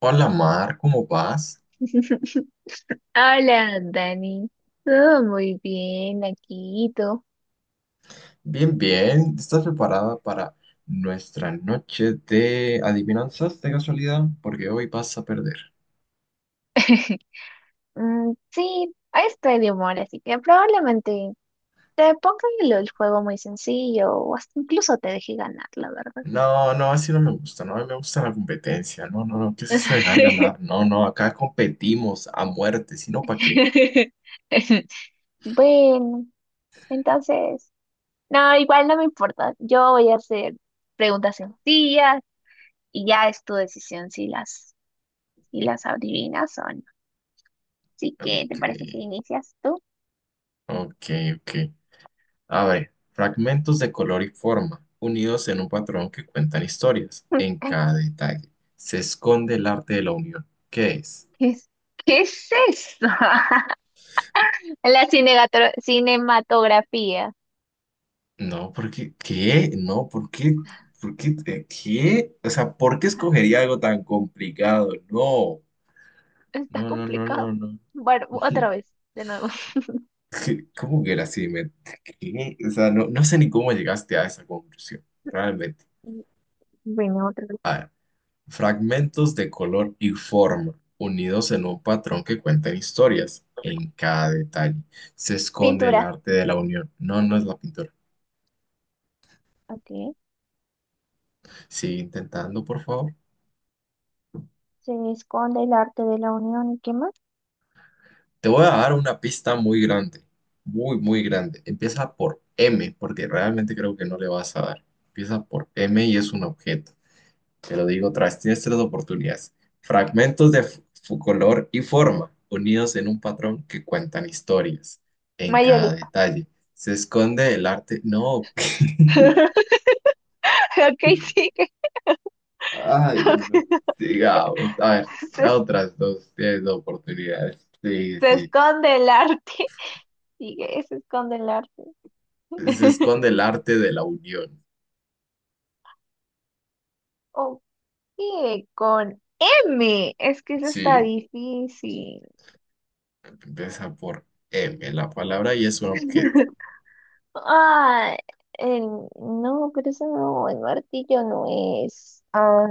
Hola Mar, ¿cómo vas? Hola, Dani. Todo muy bien aquí, ¿y tú? Bien, bien. ¿Estás preparada para nuestra noche de adivinanzas de casualidad? Porque hoy vas a perder. Sí, ahí estoy de humor, así que probablemente te ponga el juego muy sencillo o hasta incluso te deje ganar, la verdad. No, no, así no me gusta. No, a mí me gusta la competencia. No, no, no. ¿Qué es eso de dejar ganar? No, no. Acá competimos a muerte. Si no, ¿para qué? Bueno, entonces, no, igual no me importa. Yo voy a hacer preguntas sencillas y ya es tu decisión si las adivinas o no. Así que, ¿te Ok, parece si inicias tú? ok, ok. A ver, fragmentos de color y forma, unidos en un patrón que cuentan historias. En cada detalle se esconde el arte de la unión. ¿Qué es? ¿Qué es, qué es eso? La cinematografía. No, porque, ¿qué? No, ¿por qué? ¿Por qué? ¿Qué? O sea, ¿por qué escogería algo tan complicado? No, Está no, no, no, complicado. no, no. Bueno, otra vez, de nuevo. ¿Qué? ¿Cómo que era así? ¿Qué? O sea, no, no sé ni cómo llegaste a esa conclusión, realmente. Mm, Bueno, otra vez. Fragmentos de color y forma, unidos en un patrón que cuentan historias. En cada detalle se esconde el Pintura. arte de la unión. No, no es la pintura. Ok. Sigue intentando, por favor. Se esconde el arte de la unión y qué más. Te voy a dar una pista muy grande, muy, muy grande. Empieza por M, porque realmente creo que no le vas a dar. Empieza por M y es un objeto. Te lo digo otra vez, tienes tres oportunidades. Su color y forma, unidos en un patrón que cuentan historias. En cada Mayólica. detalle se esconde el arte. No, Ok, sigue. ay, no. Digamos, a ver, Se, las otras dos tienes dos oportunidades. Sí, se sí. esconde el arte. Sigue, se esconde el arte. Se esconde el arte de la unión. Ok, con M. Es que eso está Sí. difícil. Empieza por M, la palabra y es un objeto. Ah, no, pero eso no, el martillo no es. Ah,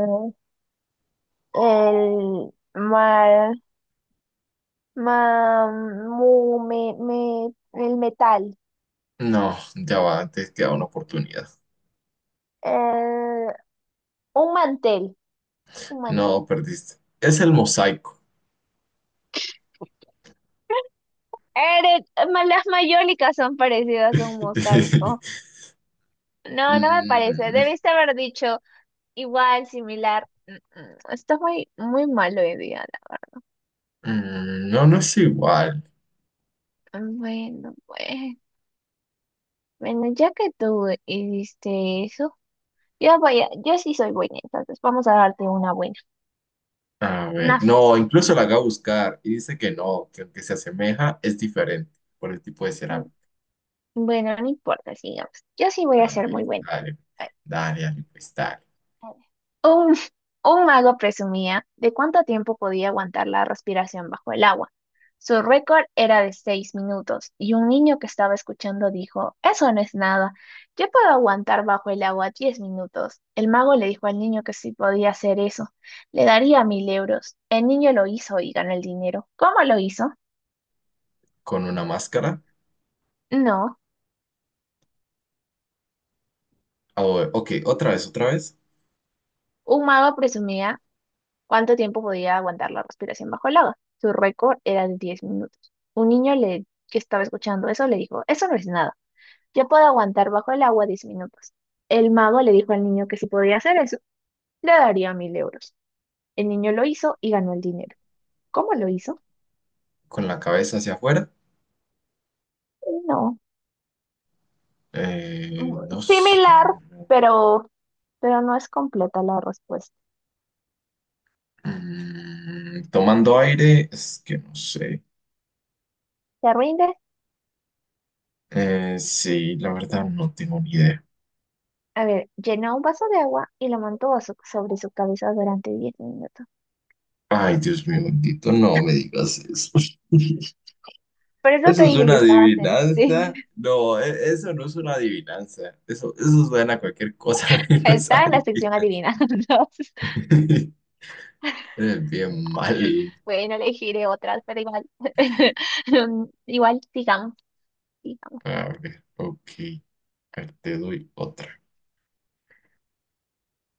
el mar, ma- mu- me, me- el metal. No, ya va, antes queda una oportunidad. Eh, un mantel, un mantel. No, perdiste. Es el mosaico. Las mayólicas son parecidas a un mosaico. No, no me parece. Mm, Debiste haber dicho igual, similar. Está muy, muy malo hoy día. Mm, no, no es igual. Bueno, pues. Bueno, ya que tú hiciste eso. Yo sí soy buena, entonces vamos a darte una buena, A ver, una no, fácil. incluso la haga buscar y dice que no, que aunque se asemeja, es diferente por el tipo de Mm, cerámica. Bueno, no importa, sigamos. Yo sí voy a A ver, ser muy buena. dale, A ver, dale, dale, pues dale. a ver. Un, un mago presumía de cuánto tiempo podía aguantar la respiración bajo el agua. Su récord era de 6 minutos y un niño que estaba escuchando dijo: eso no es nada, yo puedo aguantar bajo el agua 10 minutos. El mago le dijo al niño que si podía hacer eso, le daría 1.000 euros. El niño lo hizo y ganó el dinero. ¿Cómo lo hizo? Con una máscara. No. Ah, bueno, ok, otra vez, otra vez. Un mago presumía cuánto tiempo podía aguantar la respiración bajo el agua. Su récord era de 10 minutos. Un niño que estaba escuchando eso le dijo: eso no es nada, yo puedo aguantar bajo el agua 10 minutos. El mago le dijo al niño que si podía hacer eso, le daría mil euros. El niño lo hizo y ganó el dinero. ¿Cómo lo hizo? Con la cabeza hacia afuera. No, No sé. similar, pero, pero no es completa la respuesta. Mm, tomando aire, es que no sé. ¿Se rinde? Sí, la verdad no tengo ni idea. A ver, llenó un vaso de agua y lo mantuvo sobre su cabeza durante 10 minutos. Ay, Dios mío, bendito, no me digas eso. Por eso te Eso es dije una que estabas en. Sí, adivinanza. No, eso no es una adivinanza. Eso suena a cualquier cosa menos está en la sección adivinanza. adivinando. Es bien mal. Bueno, elegiré otras, pero igual, igual digamos, A ver, ok. A ver, te doy otra.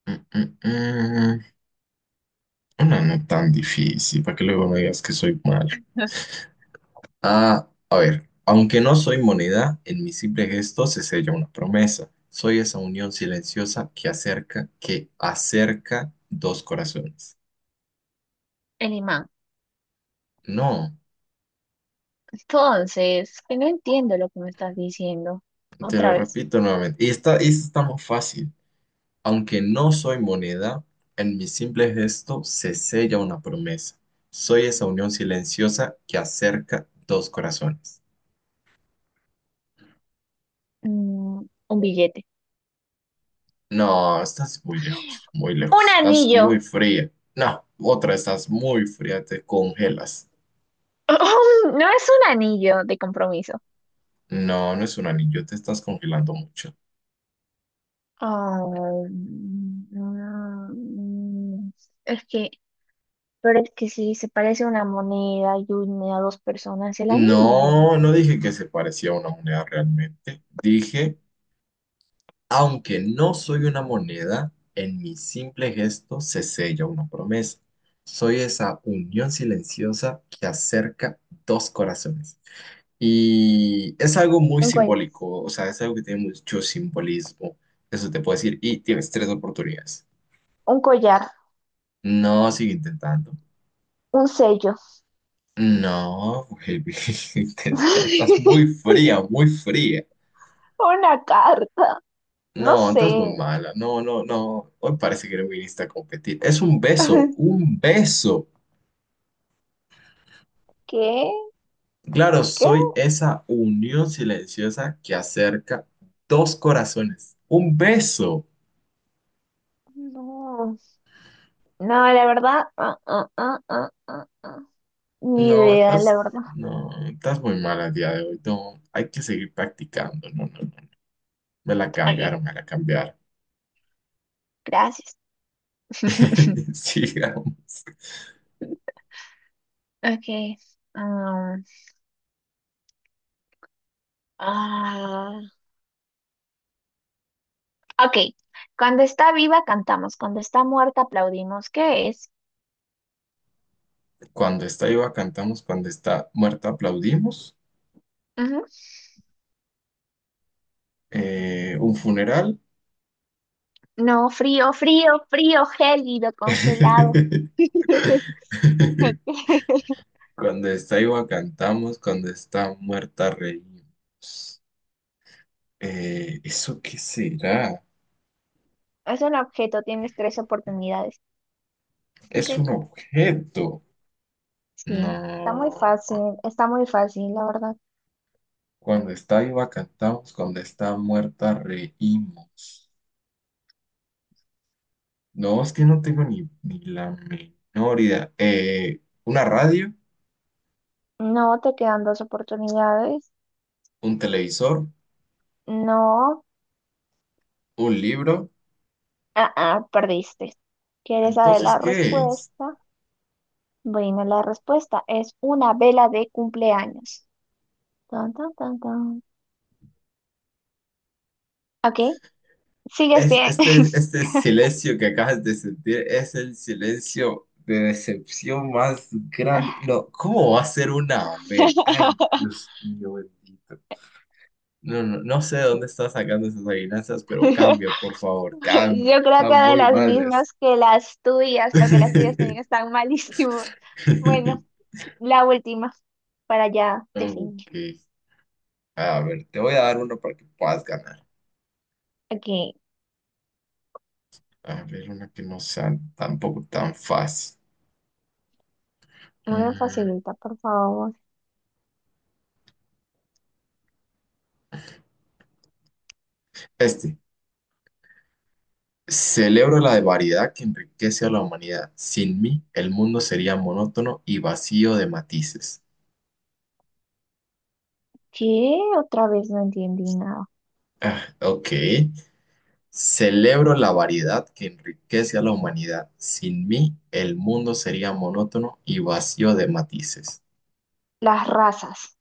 Mm, mm, mm. Una no tan difícil, para que luego me digas que soy malo. Ah, a ver, aunque no soy moneda, en mi simple gesto se sella una promesa. Soy esa unión silenciosa que acerca dos corazones. el imán. No, Entonces, que no entiendo lo que me estás diciendo. te lo Otra vez. repito nuevamente. Y esta está más fácil. Aunque no soy moneda, en mi simple gesto se sella una promesa. Soy esa unión silenciosa que acerca dos corazones. Un billete. No, estás muy lejos, muy Un lejos. Estás muy anillo. fría. No, otra, estás muy fría, te congelas. No es un anillo de compromiso. No, no es un anillo, te estás congelando mucho. Ah, mm, es que, pero es que sí, se parece a una moneda y une a dos personas el anillo. No, no dije que se parecía a una moneda realmente. Dije, aunque no soy una moneda, en mi simple gesto se sella una promesa. Soy esa unión silenciosa que acerca dos corazones. Y es algo muy Un cuello. simbólico, o sea, es algo que tiene mucho simbolismo. Eso te puedo decir. Y tienes tres oportunidades. Un collar, No, sigue intentando. un sello, No, baby, estás muy fría, muy fría. una carta, no No, sé. estás muy mala. No, no, no. Hoy parece que no viniste a competir. Es un beso, un beso. ¿Qué? Claro, ¿Qué? soy esa unión silenciosa que acerca dos corazones. Un beso. No, no, la verdad, ah. Ni No, idea, la estás, verdad. no, estás muy mala el día de hoy. No, hay que seguir practicando. No, no, no. Me la Ok, cambiaron, me la cambiaron. gracias. Sigamos. Ok. um, ah, ok. Cuando está viva cantamos, cuando está muerta aplaudimos. ¿Qué es? Cuando está viva cantamos, cuando está muerta aplaudimos. Ujú. Un funeral. No, frío, frío, frío, gélido, congelado. Ok. Cuando está viva cantamos, cuando está muerta reímos. ¿Eso qué será? Es un objeto, tienes tres oportunidades. Es un Ok. objeto. Sí, No. Está muy fácil, la verdad. Cuando está viva cantamos, cuando está muerta reímos. No, es que no tengo ni, ni la menor idea. ¿Una radio? No, te quedan dos oportunidades. ¿Un televisor? No, ¿Un libro? Perdiste. ¿Quieres saber Entonces, la ¿qué es? respuesta? Bueno, la respuesta es una vela de cumpleaños. Tan, tan, tan, tan. Ok, sigues Es bien. este, este silencio que acabas de sentir es el silencio de decepción más grande. No, ¿cómo va a ser una Abel? Ay, Dios mío, bendito. No, no, no sé de dónde está sacando esas adivinanzas, pero cambia, por favor, cambia. Yo creo Están que de muy las malas. mismas que las tuyas, porque las tuyas también están malísimo. Bueno, la última, para ya definir. Ok. A ver, te voy a dar uno para que puedas ganar. Aquí, A ver, una que no sea tampoco tan fácil. muy Mm, facilita, por favor. este. Celebro la variedad que enriquece a la humanidad. Sin mí, el mundo sería monótono y vacío de matices. ¿Qué? Otra vez no entendí nada. Ah, ok. Celebro la variedad que enriquece a la humanidad. Sin mí, el mundo sería monótono y vacío de matices. Las razas,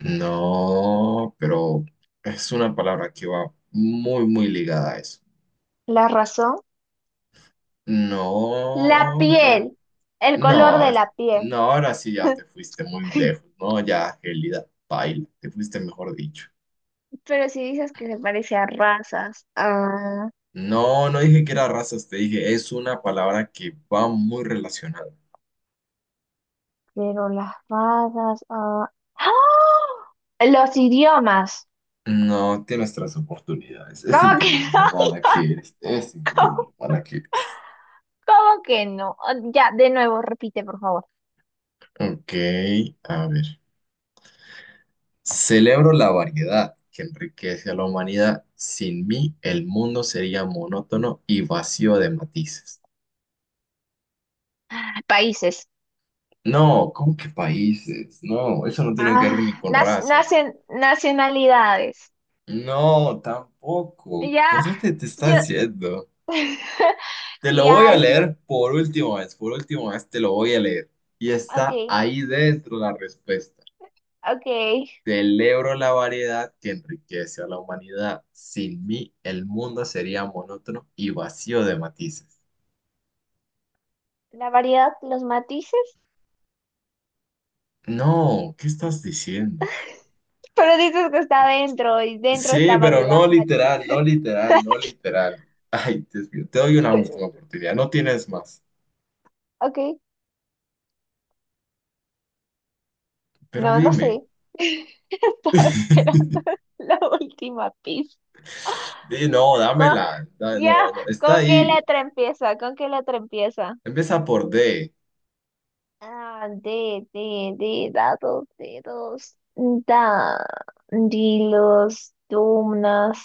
No, pero es una palabra que va muy, muy ligada a eso. la razón, la No, re- piel, el color de no, la piel. no, ahora sí ya te fuiste muy lejos. No, ya, Gélida, baila, te fuiste mejor dicho. Pero si dices que se parece a razas, ah, No, no dije que era razas, te dije, es una palabra que va muy relacionada. pero las razas, ah, ¡ah! Los idiomas. No te nuestras oportunidades. Es ¿Cómo que increíble lo no? mala que eres. Es increíble ¿Cómo, lo mala que eres. cómo que no? Ah, ya, de nuevo, repite, por favor. Ok, a ver. Celebro la variedad que enriquece a la humanidad. Sin mí, el mundo sería monótono y vacío de matices. Países. No, ¿cómo que países? No, eso no tiene que ver ni Ah, con razas. Nacionalidades. No, tampoco. Ya, ¿Por dónde te yo, estás yendo? Te lo voy a ya, sí, leer por última vez te lo voy a leer. Y ok, está ahí dentro la respuesta. ok. Celebro la variedad que enriquece a la humanidad. Sin mí, el mundo sería monótono y vacío de matices. La variedad, los matices. No, ¿qué estás diciendo? Pero dices que está dentro y dentro Sí, está pero variedad, no matiz. literal, no literal, no literal. Ay, Dios mío, te doy una última oportunidad, no tienes más. Ok, Pero no, no dime. sé. Estaba esperando la última pista. Di, no, Con- dámela. No, ya, no, está ¿con qué ahí. letra empieza? ¿Con qué letra empieza? Empieza por D. Ah, de, dados, dedos, da, dilos, dumnas,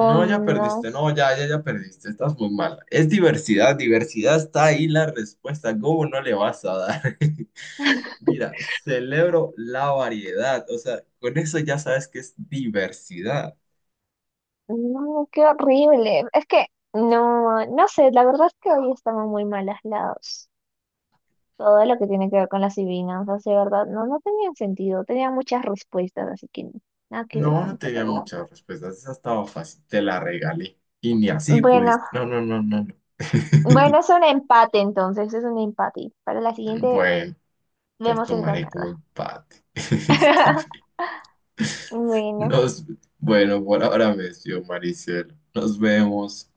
No, ya perdiste, no, ya, ya, ya perdiste, estás muy mal. Es diversidad, diversidad está ahí la respuesta, ¿cómo no le vas a dar? Mira, celebro la variedad, o sea, con eso ya sabes que es diversidad. No, qué horrible. Es que, no, no sé, la verdad es que hoy estamos muy mal lados. Todo lo que tiene que ver con las adivinanzas, de verdad, no, no tenían sentido, tenían muchas respuestas, así que no, nada que ver No, con no estas tenía adivinanzas. muchas respuestas, esa estaba fácil, te la regalé y ni así Bueno, pudiste. No, no, no, no, no. bueno, es un empate entonces, es un empate. Para la siguiente Bueno, lo vemos el tomaré ganador. como empate. Está bien. Bueno. Nos, bueno, por ahora me despido, Maricielo. Nos vemos.